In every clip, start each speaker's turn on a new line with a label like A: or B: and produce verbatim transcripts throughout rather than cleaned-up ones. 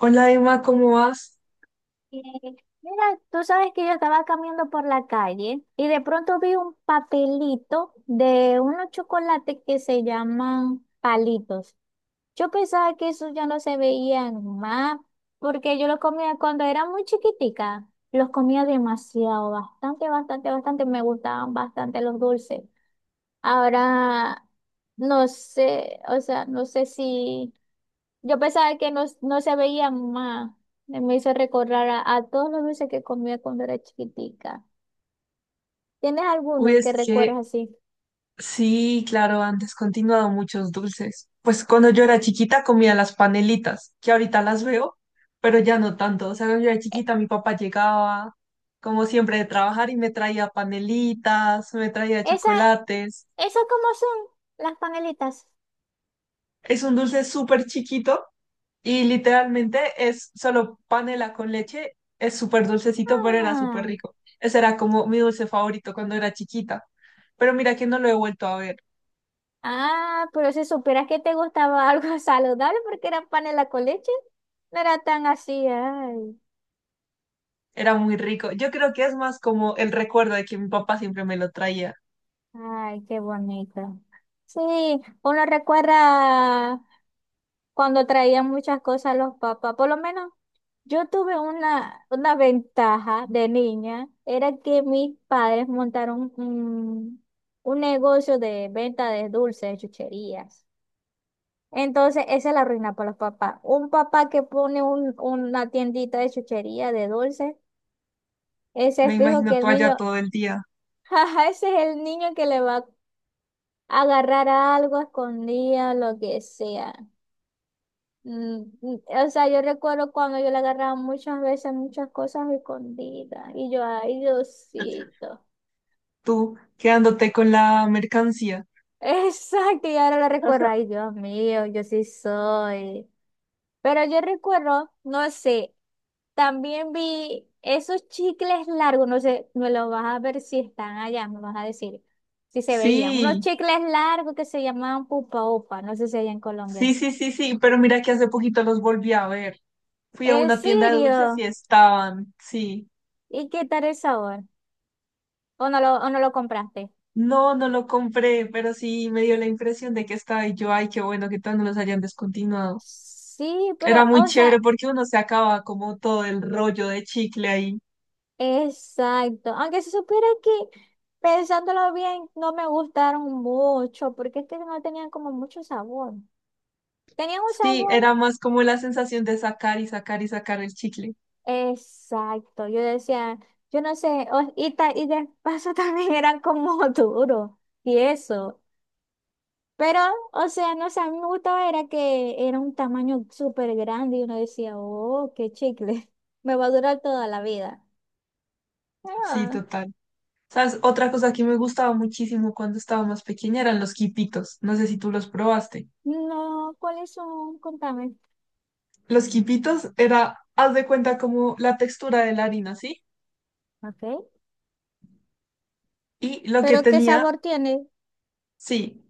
A: Hola Emma, ¿cómo vas?
B: Eh, Mira, tú sabes que yo estaba caminando por la calle y de pronto vi un papelito de unos chocolates que se llaman palitos. Yo pensaba que esos ya no se veían más porque yo los comía cuando era muy chiquitica. Los comía demasiado, bastante, bastante, bastante. Me gustaban bastante los dulces. Ahora, no sé, o sea, no sé si. Yo pensaba que no, no se veía más. Me hizo recordar a, a todos los dulces que comía cuando era chiquitica. ¿Tienes
A: Uy,
B: alguno que
A: es que
B: recuerdas así?
A: sí, claro, han descontinuado muchos dulces. Pues cuando yo era chiquita comía las panelitas, que ahorita las veo, pero ya no tanto. O sea, cuando yo era
B: E-
A: chiquita mi papá llegaba, como siempre, de trabajar y me traía panelitas, me traía
B: Esa,
A: chocolates.
B: ¿esas cómo son? Las panelitas.
A: Es un dulce súper chiquito y literalmente es solo panela con leche. Es súper dulcecito, pero era súper
B: Ah,
A: rico. Ese era como mi dulce favorito cuando era chiquita. Pero mira que no lo he vuelto a ver.
B: ah, pero si supieras que te gustaba algo saludable porque eran panela con leche, no era tan así. Ay,
A: Era muy rico. Yo creo que es más como el recuerdo de que mi papá siempre me lo traía.
B: ay, qué bonito. Sí, uno recuerda cuando traían muchas cosas los papás, por lo menos. Yo tuve una, una ventaja de niña, era que mis padres montaron un, un negocio de venta de dulces, de chucherías. Entonces, esa es la ruina para los papás. Un papá que pone un- una tiendita de chuchería, de dulces, ese
A: Me
B: es fijo
A: imagino
B: que el
A: tú allá
B: niño,
A: todo el día,
B: jaja, ese es el niño que le va a agarrar algo escondida, lo que sea. Mm, mm, O sea, yo recuerdo cuando yo le agarraba muchas veces muchas cosas escondidas y yo, ay, Diosito.
A: tú quedándote con la mercancía.
B: Exacto, y ahora lo recuerdo, ay, Dios mío, yo sí soy. Pero yo recuerdo, no sé, también vi esos chicles largos, no sé, me los vas a ver si están allá, me vas a decir si se veían. Unos
A: Sí,
B: chicles largos que se llamaban pupa upa, no sé si allá en Colombia.
A: sí, sí, sí, sí, pero mira que hace poquito los volví a ver. Fui a
B: ¿En
A: una tienda de dulces y
B: serio?
A: estaban, sí.
B: ¿Y qué tal el sabor? ¿O no lo, o no lo compraste?
A: No, no lo compré, pero sí me dio la impresión de que estaba y yo, ay, qué bueno que todos no los hayan descontinuado.
B: Sí, pero,
A: Era muy
B: o
A: chévere
B: sea,
A: porque uno se acaba como todo el rollo de chicle ahí.
B: exacto. Aunque se supiera que pensándolo bien, no me gustaron mucho, porque es que no tenían como mucho sabor. Tenían un
A: Sí,
B: sabor
A: era más como la sensación de sacar y sacar y sacar el chicle.
B: exacto. Yo decía, yo no sé, o- y, ta- y de paso también eran como duros y eso. Pero, o sea, no sé, a mí me gustaba era que era un tamaño súper grande y uno decía, oh, qué chicle, me va a durar toda la vida.
A: Sí,
B: Ah,
A: total. ¿Sabes? Otra cosa que me gustaba muchísimo cuando estaba más pequeña eran los quipitos. No sé si tú los probaste.
B: no, ¿cuáles son? Contame.
A: Los quipitos era, haz de cuenta como la textura de la harina, ¿sí?
B: Ok.
A: Y lo que
B: ¿Pero qué
A: tenía,
B: sabor tiene?
A: sí,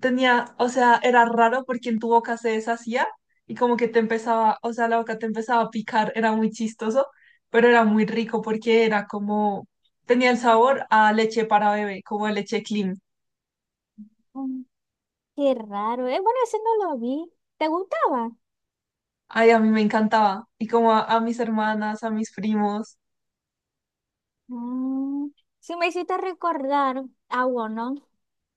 A: tenía, o sea, era raro porque en tu boca se deshacía y como que te empezaba, o sea, la boca te empezaba a picar, era muy chistoso, pero era muy rico porque era como, tenía el sabor a leche para bebé, como a leche clean.
B: Mm, qué raro. Eh, bueno, ese no lo vi. ¿Te gustaba?
A: Ay, a mí me encantaba. Y como a, a mis hermanas, a mis primos.
B: Mm, sí, me hiciste recordar a uno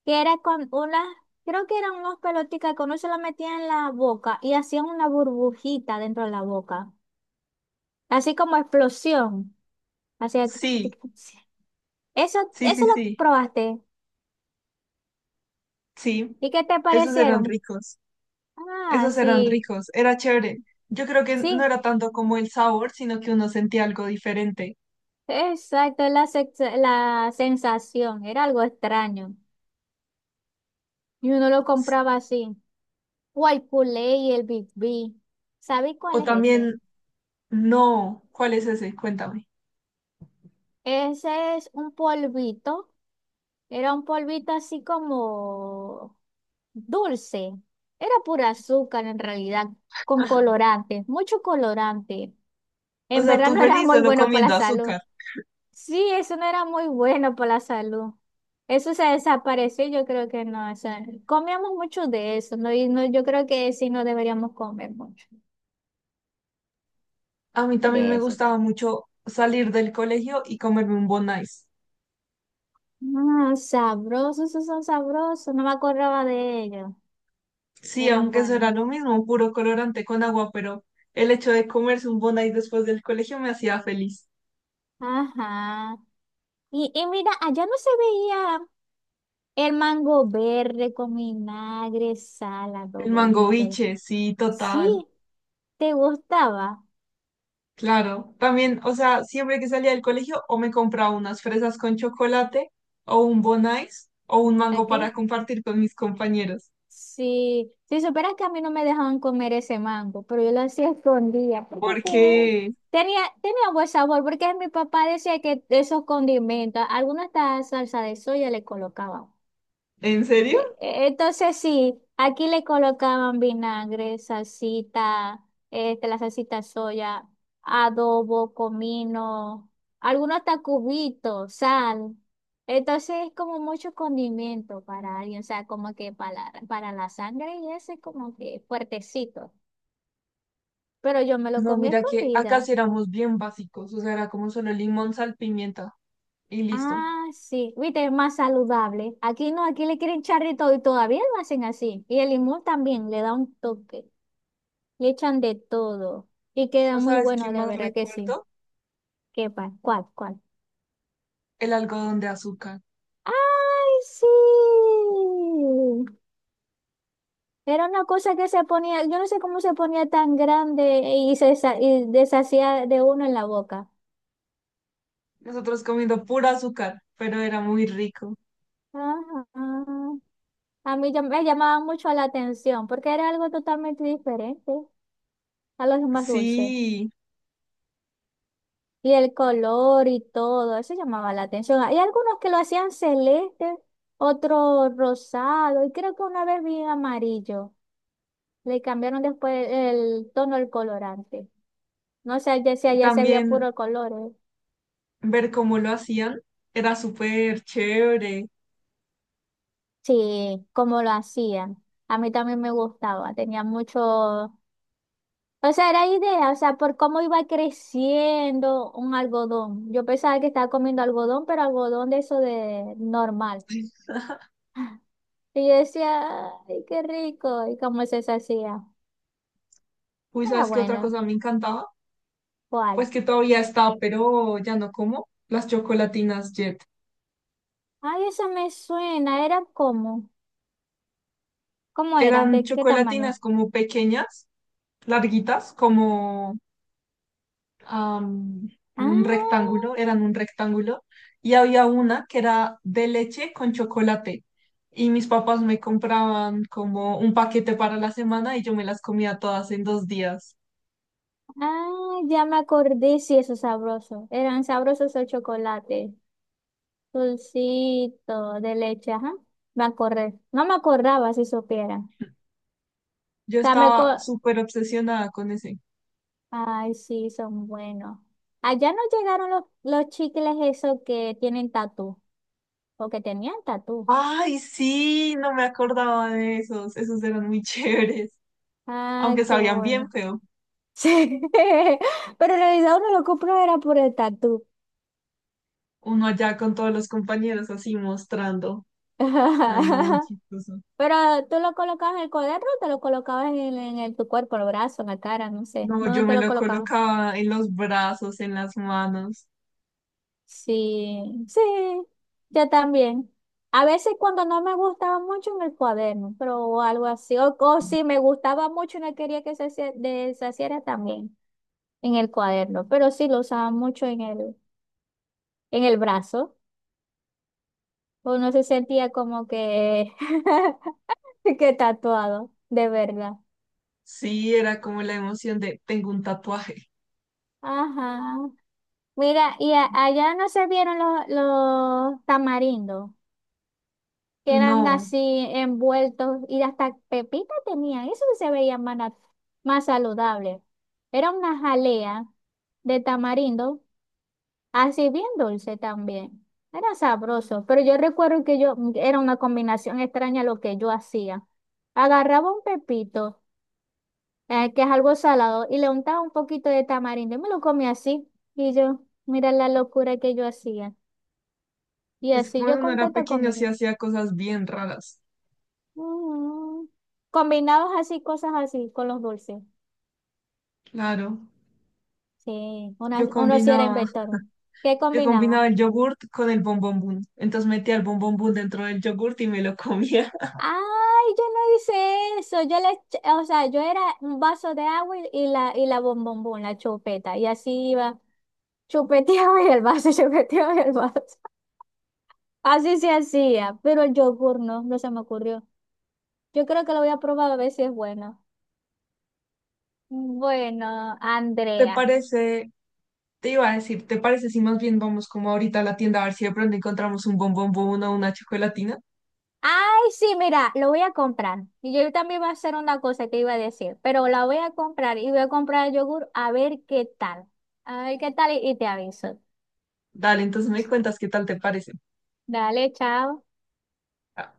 B: que era con unas, creo que eran unas pelotitas que uno se la metía en la boca y hacían una burbujita dentro de la boca. Así como explosión. Hacía tic, tic,
A: Sí,
B: tic, tic. Eso,
A: sí,
B: eso
A: sí,
B: lo
A: sí,
B: probaste.
A: sí.
B: ¿Y qué te
A: Esos eran
B: parecieron?
A: ricos.
B: Ah,
A: Esos eran
B: sí.
A: ricos. Era chévere. Yo creo que no
B: Sí,
A: era tanto como el sabor, sino que uno sentía algo diferente.
B: exacto, la, sex- la sensación. Era algo extraño. Y uno lo
A: Sí.
B: compraba así, o el Guaypulé y el Big B. ¿Sabéis cuál
A: O
B: es ese?
A: también, no, ¿cuál es ese? Cuéntame.
B: Ese es un polvito. Era un polvito así como dulce. Era pura azúcar en realidad, con colorante, mucho colorante.
A: O
B: En
A: sea,
B: verdad
A: tú
B: no era
A: feliz
B: muy
A: solo
B: bueno para la
A: comiendo
B: salud.
A: azúcar.
B: Sí, eso no era muy bueno para la salud. Eso se desapareció, yo creo que no. O sea, comíamos mucho de eso, ¿no? Y no, yo creo que sí no deberíamos comer mucho
A: A mí también
B: de
A: me
B: eso.
A: gustaba mucho salir del colegio y comerme un Bon Ice.
B: Ah, sabrosos, esos son sabrosos. No me acordaba de ellos.
A: Sí,
B: Eran
A: aunque eso
B: buenos.
A: era lo mismo, puro colorante con agua, pero el hecho de comerse un Bon Ice después del colegio me hacía feliz.
B: Ajá. Y, y mira, allá no se veía el mango verde con vinagre, sal,
A: El mango
B: adobollito.
A: biche, sí,
B: Sí,
A: total.
B: ¿te gustaba?
A: Claro. También, o sea, siempre que salía del colegio o me compraba unas fresas con chocolate o un Bon Ice o un
B: ¿A
A: mango
B: qué?
A: para compartir con mis compañeros.
B: Sí. Si supieras que a mí no me dejaban comer ese mango, pero yo lo hacía escondida porque que-
A: Porque
B: tenía, tenía buen sabor, porque mi papá decía que esos condimentos, alguna hasta salsa de soya le colocaba.
A: ¿en serio?
B: E- e- Entonces sí, aquí le colocaban vinagre, salsita, este, la salsita soya, adobo, comino, algunos tacubitos, sal. Entonces es como mucho condimento para alguien, o sea, como que para, la- para la sangre y ese es como que fuertecito. Pero yo me lo
A: No,
B: comí a
A: mira que acá
B: escondidas.
A: sí éramos bien básicos, o sea, era como solo limón, sal, pimienta y listo.
B: Ah, sí, viste, es más saludable. Aquí no, aquí le quieren echar de todo y todavía lo hacen así. Y el limón también le da un toque. Le echan de todo. Y queda
A: ¿O
B: muy
A: sabes qué
B: bueno, de
A: más
B: verdad que sí.
A: recuerdo?
B: ¿Qué pa? ¿Cuál? ¿Cuál?
A: El algodón de azúcar.
B: ¡Ay, sí! Era una cosa que se ponía, yo no sé cómo se ponía tan grande y se sa- y deshacía de uno en la boca.
A: Nosotros comiendo pura azúcar, pero era muy rico.
B: Ah, ah. ah. a mí ya me llamaba mucho la atención porque era algo totalmente diferente a los demás dulces.
A: Sí,
B: Y el color y todo, eso llamaba la atención. Hay algunos que lo hacían celeste, otro rosado, y creo que una vez vi amarillo. Le cambiaron después el tono del colorante. No sé ya si
A: y
B: allá se veía
A: también
B: puro color, ¿eh?
A: ver cómo lo hacían era súper chévere.
B: Sí, como lo hacían. A mí también me gustaba, tenía mucho. O sea, era idea, o sea, por cómo iba creciendo un algodón. Yo pensaba que estaba comiendo algodón, pero algodón de eso de normal. Y yo decía, ay, qué rico. ¿Y cómo se hacía?
A: Uy,
B: Era
A: ¿sabes qué otra
B: bueno.
A: cosa me encantaba? Pues
B: ¿Cuál?
A: que todavía está, pero ya no como. Las chocolatinas Jet.
B: Ay, eso me suena. ¿Era cómo? ¿Cómo eran?
A: Eran
B: ¿De qué tamaño?
A: chocolatinas como pequeñas, larguitas, como am, un
B: Ah,
A: rectángulo, eran un rectángulo, y había una que era de leche con chocolate. Y mis papás me compraban como un paquete para la semana y yo me las comía todas en dos días.
B: ah, ya me acordé. Sí, eso es sabroso. Eran sabrosos el chocolate. Dulcito de leche, ajá. Me acordé. No me acordaba si supiera. O
A: Yo
B: sea, me co-
A: estaba súper obsesionada con ese.
B: ay, sí, son buenos. Allá no llegaron los, los chicles esos que tienen tatú. O que tenían tatú.
A: Ay, sí, no me acordaba de esos. Esos eran muy chéveres,
B: Ay,
A: aunque
B: qué
A: sabían
B: bueno.
A: bien feo.
B: Sí, pero en realidad uno lo compró era por el tatú.
A: Uno allá con todos los compañeros así mostrando. Ay, no, muy chistoso.
B: Pero tú lo colocabas en el cuaderno o te lo colocabas en, el- en el- tu cuerpo, en el brazo, en la cara, no sé.
A: No,
B: ¿Dónde
A: yo
B: te
A: me
B: lo
A: lo
B: colocabas?
A: colocaba en los brazos, en las manos.
B: Sí, sí, yo también. A veces cuando no me gustaba mucho en el cuaderno, pero o algo así. O, o si me gustaba mucho y no quería que se hacia- deshaciera también en el cuaderno. Pero sí lo usaba mucho en el, en el brazo. Uno se sentía como que qué tatuado, de verdad.
A: Sí, era como la emoción de tengo un tatuaje.
B: Ajá. Mira, y a- allá no se vieron los, los tamarindos, que eran
A: No,
B: así envueltos y hasta pepita tenían. Eso sí se veía más, nat- más saludable. Era una jalea de tamarindo, así bien dulce también. Era sabroso, pero yo recuerdo que yo era una combinación extraña lo que yo hacía. Agarraba un pepito, ah, que es algo salado, y le untaba un poquito de tamarindo. Y me lo comí así. Y yo, mira la locura que yo hacía. Y
A: es que
B: así
A: cuando
B: yo
A: uno era
B: contenta
A: pequeño
B: conmigo.
A: sí hacía cosas bien raras.
B: Mm. Combinados así, cosas así, con los dulces.
A: Claro,
B: Sí, una-
A: yo
B: uno sí era
A: combinaba,
B: inventor. ¿Qué
A: yo
B: combinaba?
A: combinaba el yogurt con el bombombón. Entonces metía el bombombón dentro del yogurt y me lo comía.
B: Ay, yo no hice eso. Yo le, ech- o sea, yo era un vaso de agua y y la, y la bombombón, la chupeta. Y así iba, chupeteaba y el vaso, chupeteaba y el vaso. Así se hacía, pero el yogur no, no se me ocurrió. Yo creo que lo voy a probar a ver si es bueno. Bueno,
A: ¿Te
B: Andrea.
A: parece? Te iba a decir, ¿te parece si más bien vamos como ahorita a la tienda a ver si de pronto encontramos un bombombón o una chocolatina?
B: Ay, sí, mira, lo voy a comprar. Y yo también voy a hacer una cosa que iba a decir, pero la voy a comprar y voy a comprar el yogur a ver qué tal. A ver qué tal y y te aviso.
A: Dale, entonces me cuentas qué tal te parece.
B: Dale, chao.
A: Ah.